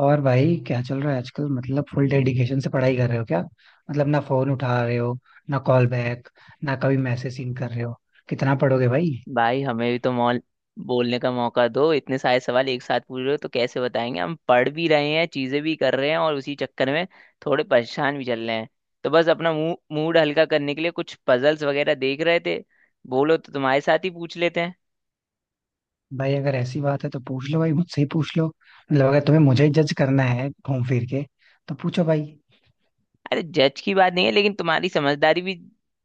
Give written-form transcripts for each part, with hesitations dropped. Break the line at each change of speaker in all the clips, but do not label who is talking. और भाई क्या चल रहा है आजकल? मतलब फुल डेडिकेशन से पढ़ाई कर रहे हो क्या? मतलब ना फोन उठा रहे हो, ना कॉल बैक, ना कभी मैसेज सीन कर रहे हो। कितना पढ़ोगे भाई।
भाई हमें भी तो मॉल बोलने का मौका दो। इतने सारे सवाल एक साथ पूछ रहे हो तो कैसे बताएंगे। हम पढ़ भी रहे हैं, चीजें भी कर रहे हैं और उसी चक्कर में थोड़े परेशान भी चल रहे हैं। तो बस अपना मूड मूड हल्का करने के लिए कुछ पजल्स वगैरह देख रहे थे। बोलो तो तुम्हारे साथ ही पूछ लेते हैं।
भाई अगर ऐसी बात है तो पूछ लो, भाई मुझसे ही पूछ लो। मतलब अगर तुम्हें मुझे जज करना है घूम फिर के तो पूछो भाई।
अरे जज की बात नहीं है, लेकिन तुम्हारी समझदारी भी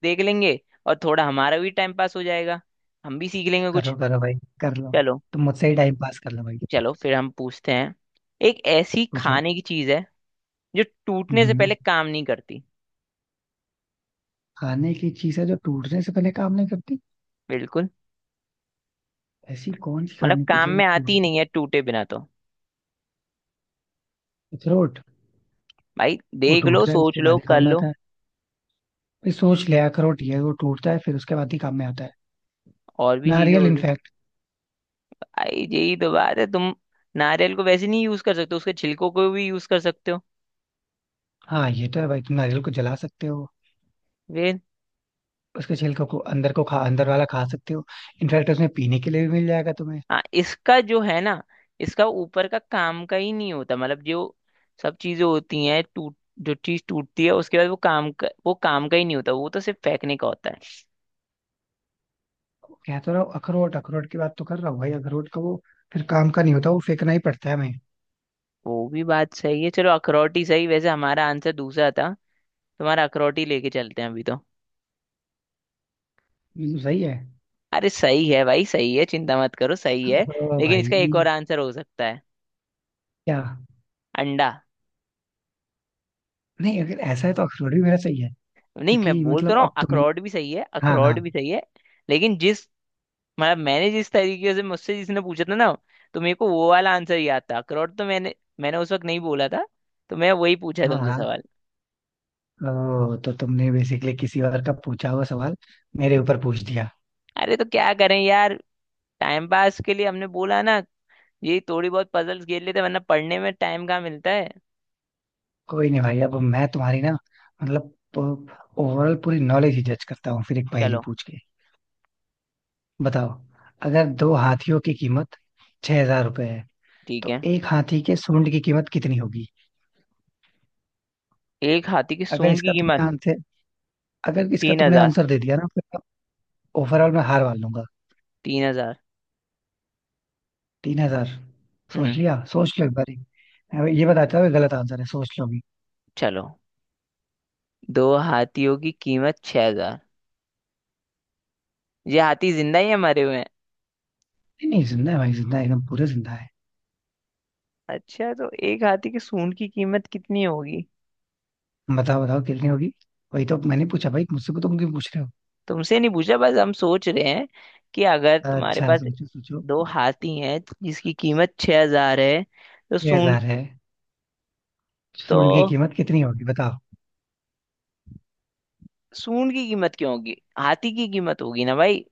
देख लेंगे। और थोड़ा हमारा भी टाइम पास हो जाएगा। हम भी सीख लेंगे
करो
कुछ।
करो भाई, कर लो।
चलो।
तुम मुझसे ही टाइम पास कर लो भाई।
चलो फिर हम पूछते हैं। एक ऐसी
पूछो।
खाने की चीज है जो टूटने से
हम्म।
पहले काम नहीं करती।
खाने की चीज है जो टूटने से पहले काम नहीं करती?
बिल्कुल।
ऐसी कौन सी
मतलब
खाने की चीज
काम
है
में आती ही
टूटने?
नहीं है टूटे बिना तो।
अखरोट।
भाई
वो
देख लो,
टूटता है
सोच
उसके बाद
लो,
ही
कर
काम में
लो।
आता है। भाई सोच ले, अखरोट ये है, वो टूटता है फिर उसके बाद ही काम में आता है।
और भी चीजें
नारियल
हो सकती।
इनफैक्ट।
भाई यही तो बात है तुम। नारियल को वैसे नहीं यूज कर सकते, उसके छिलकों को भी यूज कर सकते हो।
हाँ ये तो है भाई, तुम नारियल को जला सकते हो,
वे।
उसके छिलके को, अंदर वाला खा सकते हो। इनफैक्ट उसमें पीने के लिए भी मिल जाएगा तुम्हें।
हाँ, इसका जो है ना, इसका ऊपर का काम का ही नहीं होता, मतलब जो सब चीजें होती हैं टूट। जो चीज टूटती है उसके बाद वो काम का ही नहीं होता, वो तो सिर्फ फेंकने का होता है।
कह तो रहा हूँ अखरोट, अखरोट की बात तो कर रहा हूँ भाई। अखरोट का वो फिर काम का नहीं होता, वो फेंकना ही पड़ता है हमें।
वो भी बात सही है। चलो अखरोट ही सही, वैसे हमारा आंसर दूसरा था। तुम्हारा अखरोट ही लेके चलते हैं अभी तो।
सही है।
अरे सही है भाई, सही है, चिंता मत करो, सही
हाँ।
है।
ओ
लेकिन इसका एक
भाई,
और आंसर हो सकता है।
क्या?
अंडा।
नहीं अगर ऐसा है तो अखरोट भी मेरा सही है।
नहीं मैं
क्योंकि
बोल तो
मतलब
रहा हूँ,
अब तुम।
अखरोट भी सही है,
हाँ हाँ।
अखरोट भी सही है। लेकिन जिस, मतलब मैंने जिस तरीके से मुझसे जिसने पूछा था ना, तो मेरे को वो वाला आंसर याद था अखरोट, तो मैंने मैंने उस वक्त नहीं बोला था। तो मैं वही पूछा
हाँ
तुमसे
हाँ।
सवाल।
ओ, तो तुमने बेसिकली किसी और का पूछा हुआ सवाल मेरे ऊपर पूछ दिया।
अरे तो क्या करें यार, टाइम पास के लिए हमने बोला ना। ये थोड़ी बहुत पजल्स खेल लेते, वरना पढ़ने में टाइम कहाँ मिलता है।
कोई नहीं भाई, अब मैं तुम्हारी ना, मतलब ओवरऑल पूरी नॉलेज ही जज करता हूँ फिर एक पहेली
चलो।
पूछ के। बताओ, अगर दो हाथियों की कीमत 6,000 रुपए है
ठीक
तो
है।
एक हाथी के सूंड की कीमत कितनी होगी?
एक हाथी की
अगर
सूंड
इसका
की
तुमने
कीमत
आंसर अगर इसका
तीन
तुमने
हजार
आंसर दे दिया ना फिर ओवरऑल मैं हार मान लूंगा।
3,000।
3,000? सोच
हम्म।
लिया? सोच लो एक बार, ये बताता हूँ, गलत आंसर है, सोच लो।
चलो। दो हाथियों की कीमत 6,000। ये हाथी जिंदा ही है, मरे हुए हैं?
नहीं नहीं जिंदा है भाई, जिंदा है एकदम पूरा जिंदा है।
अच्छा, तो एक हाथी के सूंड की कीमत कितनी होगी।
बताओ बताओ कितनी होगी? वही तो मैंने पूछा भाई, मुझसे तो मुझे पूछ रहे
तुमसे नहीं पूछा, बस हम सोच रहे हैं कि अगर
हो?
तुम्हारे
अच्छा
पास
सोचो सोचो।
दो हाथी हैं जिसकी कीमत 6,000 है, तो
ये
सूंड,
हजार है।
तो
सुन की कीमत कितनी होगी बताओ?
सूंड की कीमत क्यों होगी? हाथी की कीमत होगी ना भाई।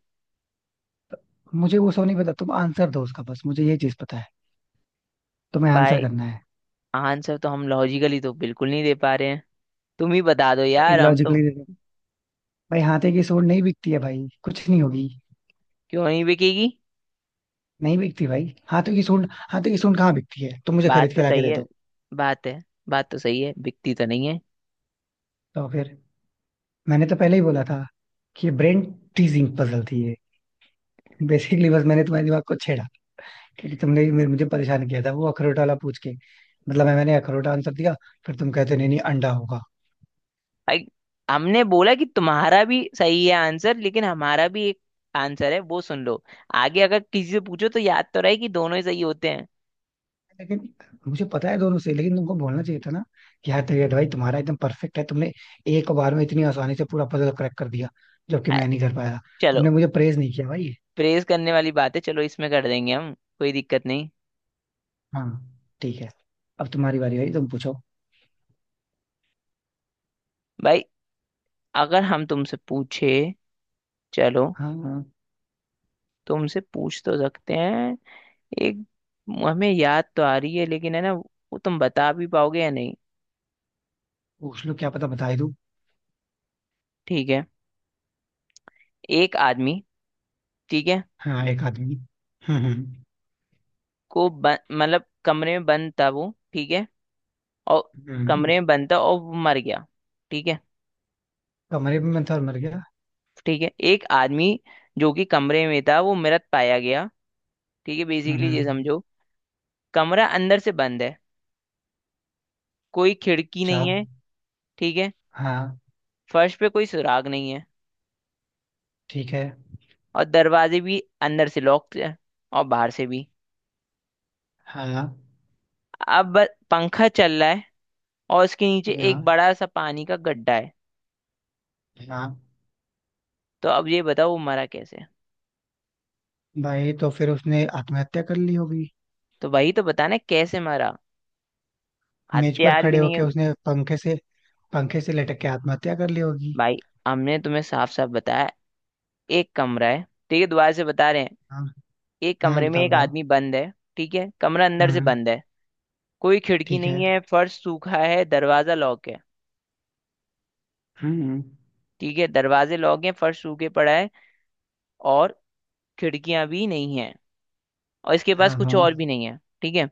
मुझे वो सब नहीं पता, तुम आंसर दो उसका। बस मुझे ये चीज पता है, तुम्हें आंसर
भाई
करना है।
आंसर तो हम लॉजिकली तो बिल्कुल नहीं दे पा रहे हैं। तुम ही बता दो
तो
यार, हम तो।
इलॉजिकली, भाई हाथे की सूंड नहीं बिकती है भाई, कुछ नहीं होगी।
क्यों नहीं बिकेगी?
नहीं बिकती भाई, हाथों की सूंड, हाथों की सूंड कहाँ बिकती है? तुम मुझे
बात
खरीद के
तो
लाके
सही
दे
है,
दो।
बात है, बात तो सही है, बिकती तो नहीं है।
तो फिर मैंने तो पहले ही बोला था कि ब्रेन टीजिंग पजल थी ये। बेसिकली बस मैंने तुम्हारे दिमाग को छेड़ा, क्योंकि तुमने ही मुझे परेशान किया था वो अखरोट वाला पूछ के। मतलब मैंने अखरोट आंसर दिया, फिर तुम कहते नहीं नहीं अंडा होगा।
भाई हमने बोला कि तुम्हारा भी सही है आंसर, लेकिन हमारा भी एक आंसर है, वो सुन लो। आगे अगर किसी से पूछो तो याद तो रहे कि दोनों ही सही होते हैं।
लेकिन मुझे पता है दोनों से, लेकिन तुमको बोलना चाहिए था ना, कि यार तेरी, भाई तुम्हारा एकदम परफेक्ट है, तुमने एक बार में इतनी आसानी से पूरा पजल क्रैक कर दिया, जबकि
अ,
मैं नहीं कर पाया।
चलो।
तुमने मुझे प्रेज नहीं किया भाई।
प्रेज करने वाली बात है, चलो इसमें कर देंगे हम। कोई दिक्कत नहीं।
हाँ ठीक है। अब तुम्हारी बारी भाई, तुम पूछो।
भाई अगर हम तुमसे पूछे, चलो,
हाँ हाँ।
तुमसे पूछ तो सकते हैं। एक, हमें याद तो आ रही है लेकिन है ना, वो तुम बता भी पाओगे या नहीं।
पूछ लो क्या पता बता ही दूं।
ठीक है। एक आदमी, ठीक है,
हाँ एक आदमी। हम्म।
को मतलब कमरे में बंद था वो, ठीक है। और
हम्म, हम्म।
कमरे में बंद था और वो मर गया, ठीक है।
कमरे में था और मर गया।
ठीक है। एक आदमी जो कि कमरे में था वो मृत पाया गया। ठीक है, बेसिकली ये
हम्म।
समझो। कमरा अंदर से बंद है, कोई खिड़की
अच्छा।
नहीं है, ठीक है।
हाँ।
फर्श पे कोई सुराग नहीं है,
ठीक है।
और दरवाजे भी अंदर से लॉक है, और बाहर से भी।
हाँ।
अब पंखा चल रहा है, और उसके नीचे एक
हाँ।
बड़ा सा पानी का गड्ढा है।
हाँ।
तो अब ये बताओ वो मरा कैसे?
भाई तो फिर उसने आत्महत्या कर ली होगी।
तो वही तो बताना है, कैसे मरा।
मेज पर
हथियार भी
खड़े
नहीं
होके
है।
उसने पंखे से, पंखे से लटक के आत्महत्या कर ली होगी।
भाई हमने तुम्हें साफ साफ बताया, एक कमरा है, ठीक है, दोबारा से बता रहे हैं।
हाँ
एक
हाँ
कमरे में
बताओ
एक
बताओ।
आदमी बंद है, ठीक है, कमरा अंदर से
हम्म।
बंद है। कोई खिड़की
ठीक है।
नहीं है, फर्श सूखा है, दरवाजा लॉक है।
हम्म।
ठीक है, दरवाजे लॉक हैं, फर्श सूखे पड़ा है, और खिड़कियां भी नहीं है, और इसके पास
हाँ
कुछ
हाँ।
और भी नहीं है, ठीक है।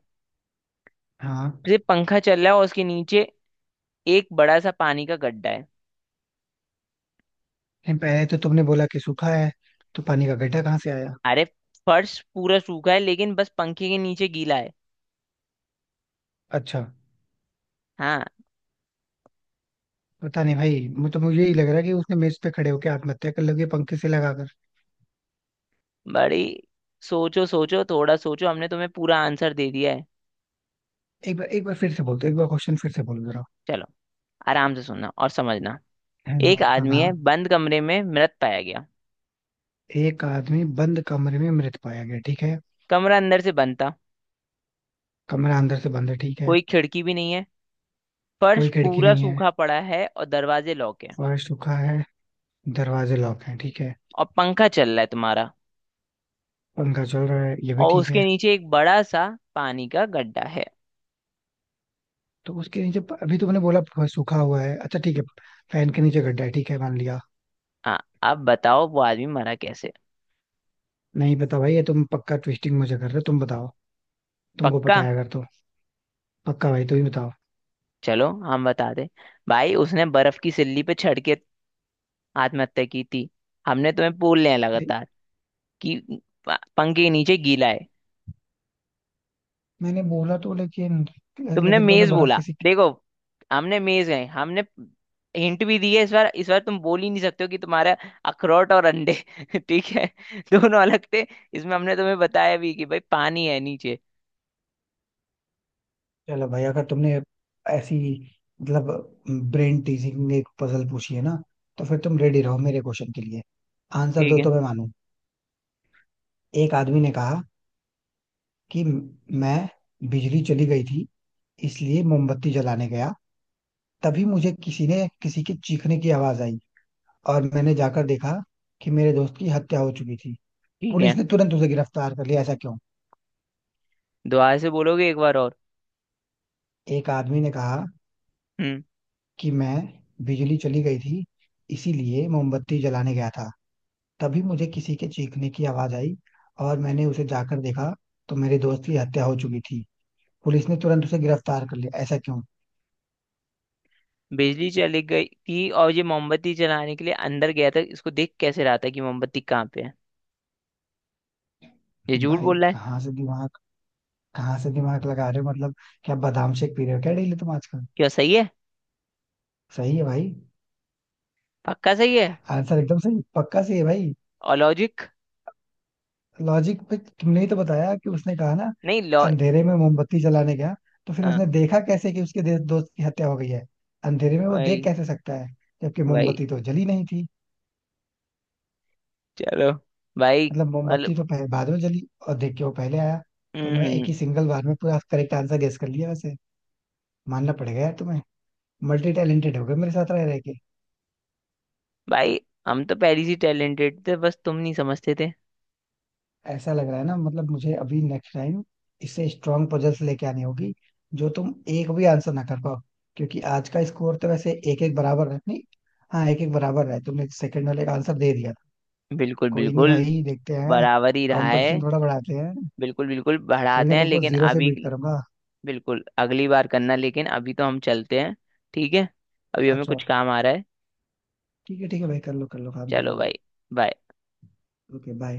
हाँ।
सिर्फ पंखा चल रहा है और उसके नीचे एक बड़ा सा पानी का गड्ढा है।
लेकिन पहले तो तुमने बोला कि सूखा है, तो पानी का गड्ढा कहाँ से आया?
अरे फर्श पूरा सूखा है, लेकिन बस पंखे के नीचे गीला है।
अच्छा।
हाँ।
पता नहीं भाई, मुझे यही लग रहा है कि उसने मेज पे खड़े होके आत्महत्या कर लोगे पंखे से लगाकर।
बड़ी सोचो, सोचो थोड़ा, सोचो। हमने तुम्हें पूरा आंसर दे दिया है।
एक बार फिर से बोल दो, एक बार क्वेश्चन फिर से बोल दो जरा।
चलो, आराम से सुनना और समझना।
है ना।
एक
हाँ
आदमी है
हाँ।
बंद कमरे में मृत पाया गया।
एक आदमी बंद कमरे में मृत पाया गया, ठीक है।
कमरा अंदर से बंद था,
कमरा अंदर से बंद है, ठीक है।
कोई खिड़की भी नहीं है, फर्श
कोई खिड़की
पूरा
नहीं है,
सूखा पड़ा है, और दरवाजे लॉक है।
फर्श सूखा है, दरवाजे लॉक हैं ठीक है।
और पंखा चल रहा है तुम्हारा।
पंखा चल रहा है ये भी
और
ठीक
उसके
है।
नीचे एक बड़ा सा पानी का गड्ढा है।
तो उसके नीचे अभी तुमने बोला फर्श सूखा हुआ है, अच्छा ठीक है, फैन के नीचे गड्ढा है, ठीक है मान लिया।
हाँ। अब बताओ वो आदमी मरा कैसे?
नहीं पता भाई, ये तुम पक्का ट्विस्टिंग मुझे कर रहे हो, तुम बताओ तुमको पता
पक्का।
है अगर तो। पक्का भाई, तुम ही बताओ।
चलो हम बता दे। भाई उसने बर्फ की सिल्ली पे चढ़ के आत्महत्या की थी। हमने तुम्हें बोल लिया
नहीं,
लगातार कि पंखे के नीचे गीला है।
मैंने बोला तो लेकिन
तुमने
लेकिन तुमने
मेज
बर्फ
बोला,
किसी।
देखो हमने मेज गए, हमने हिंट भी दी है। इस बार, इस बार तुम बोल ही नहीं सकते हो कि तुम्हारा अखरोट और अंडे ठीक है दोनों अलग थे। इसमें हमने तुम्हें बताया भी कि भाई पानी है नीचे।
चलो भाई, अगर तुमने ऐसी मतलब ब्रेन टीजिंग एक पजल पूछी है ना, तो फिर तुम रेडी रहो मेरे क्वेश्चन के लिए, आंसर
ठीक
दो
है।
तो मैं मानू। एक आदमी ने कहा कि मैं, बिजली चली गई थी इसलिए मोमबत्ती जलाने गया, तभी मुझे किसी के चीखने की आवाज आई और मैंने जाकर देखा कि मेरे दोस्त की हत्या हो चुकी थी।
ठीक
पुलिस
है,
ने तुरंत उसे गिरफ्तार कर लिया, ऐसा क्यों?
दोबारा से बोलोगे एक बार और?
एक आदमी ने कहा
हम्म।
कि मैं, बिजली चली गई थी इसीलिए मोमबत्ती जलाने गया था, तभी मुझे किसी के चीखने की आवाज आई और मैंने उसे जाकर देखा तो मेरे दोस्त की हत्या हो चुकी थी। पुलिस ने तुरंत उसे गिरफ्तार कर लिया, ऐसा क्यों?
बिजली चली गई थी और ये मोमबत्ती जलाने के लिए अंदर गया था, इसको देख कैसे रहा था कि मोमबत्ती कहाँ पे है? ये झूठ
भाई
बोल रहा है।
कहाँ से दिमाग लगा रहे हो मतलब? क्या बादाम शेक पी रहे हो क्या डेली तुम आजकल?
क्या सही है?
सही है भाई,
पक्का सही है?
आंसर एकदम सही, पक्का सही है भाई।
और लॉजिक?
लॉजिक पे तुमने ही तो बताया, कि उसने कहा ना
नहीं लॉ।
अंधेरे में मोमबत्ती जलाने गया, तो फिर
हाँ।
उसने देखा कैसे कि उसके दोस्त की हत्या हो गई है? अंधेरे में वो देख
भाई।
कैसे सकता है जबकि
भाई।
मोमबत्ती तो जली नहीं थी?
चलो। भाई।
मतलब मोमबत्ती तो पहले, बाद में जली, और देख के वो पहले आया। तो उन्होंने
हम्म।
एक ही सिंगल बार में पूरा करेक्ट आंसर गेस कर लिया वैसे, मानना पड़ेगा यार तुम्हें। मल्टी टैलेंटेड हो गए मेरे साथ रह रहे के।
भाई हम तो पहले से टैलेंटेड थे, बस तुम नहीं समझते थे।
ऐसा लग रहा है ना, मतलब मुझे अभी नेक्स्ट टाइम इससे स्ट्रांग पजल्स लेके आनी होगी, जो तुम एक भी आंसर ना कर पाओ। क्योंकि आज का स्कोर तो वैसे एक एक बराबर है नहीं, हाँ एक एक बराबर है, तुमने सेकंड वाले का आंसर दे दिया था।
बिल्कुल
कोई नहीं
बिल्कुल।
भाई, देखते हैं,
बराबर ही रहा है।
कंपटीशन थोड़ा बढ़ाते हैं।
बिल्कुल बिल्कुल
अभी
बढ़ाते
मैं
हैं,
तुमको
लेकिन
जीरो से
अभी के
बीट
लिए-।
करूंगा।
बिल्कुल अगली बार करना, लेकिन अभी तो हम चलते हैं। ठीक है। अभी हमें
अच्छा
कुछ काम आ रहा है।
ठीक है भाई, कर लो काम कर
चलो
लो भाई।
भाई। बाय।
Okay bye.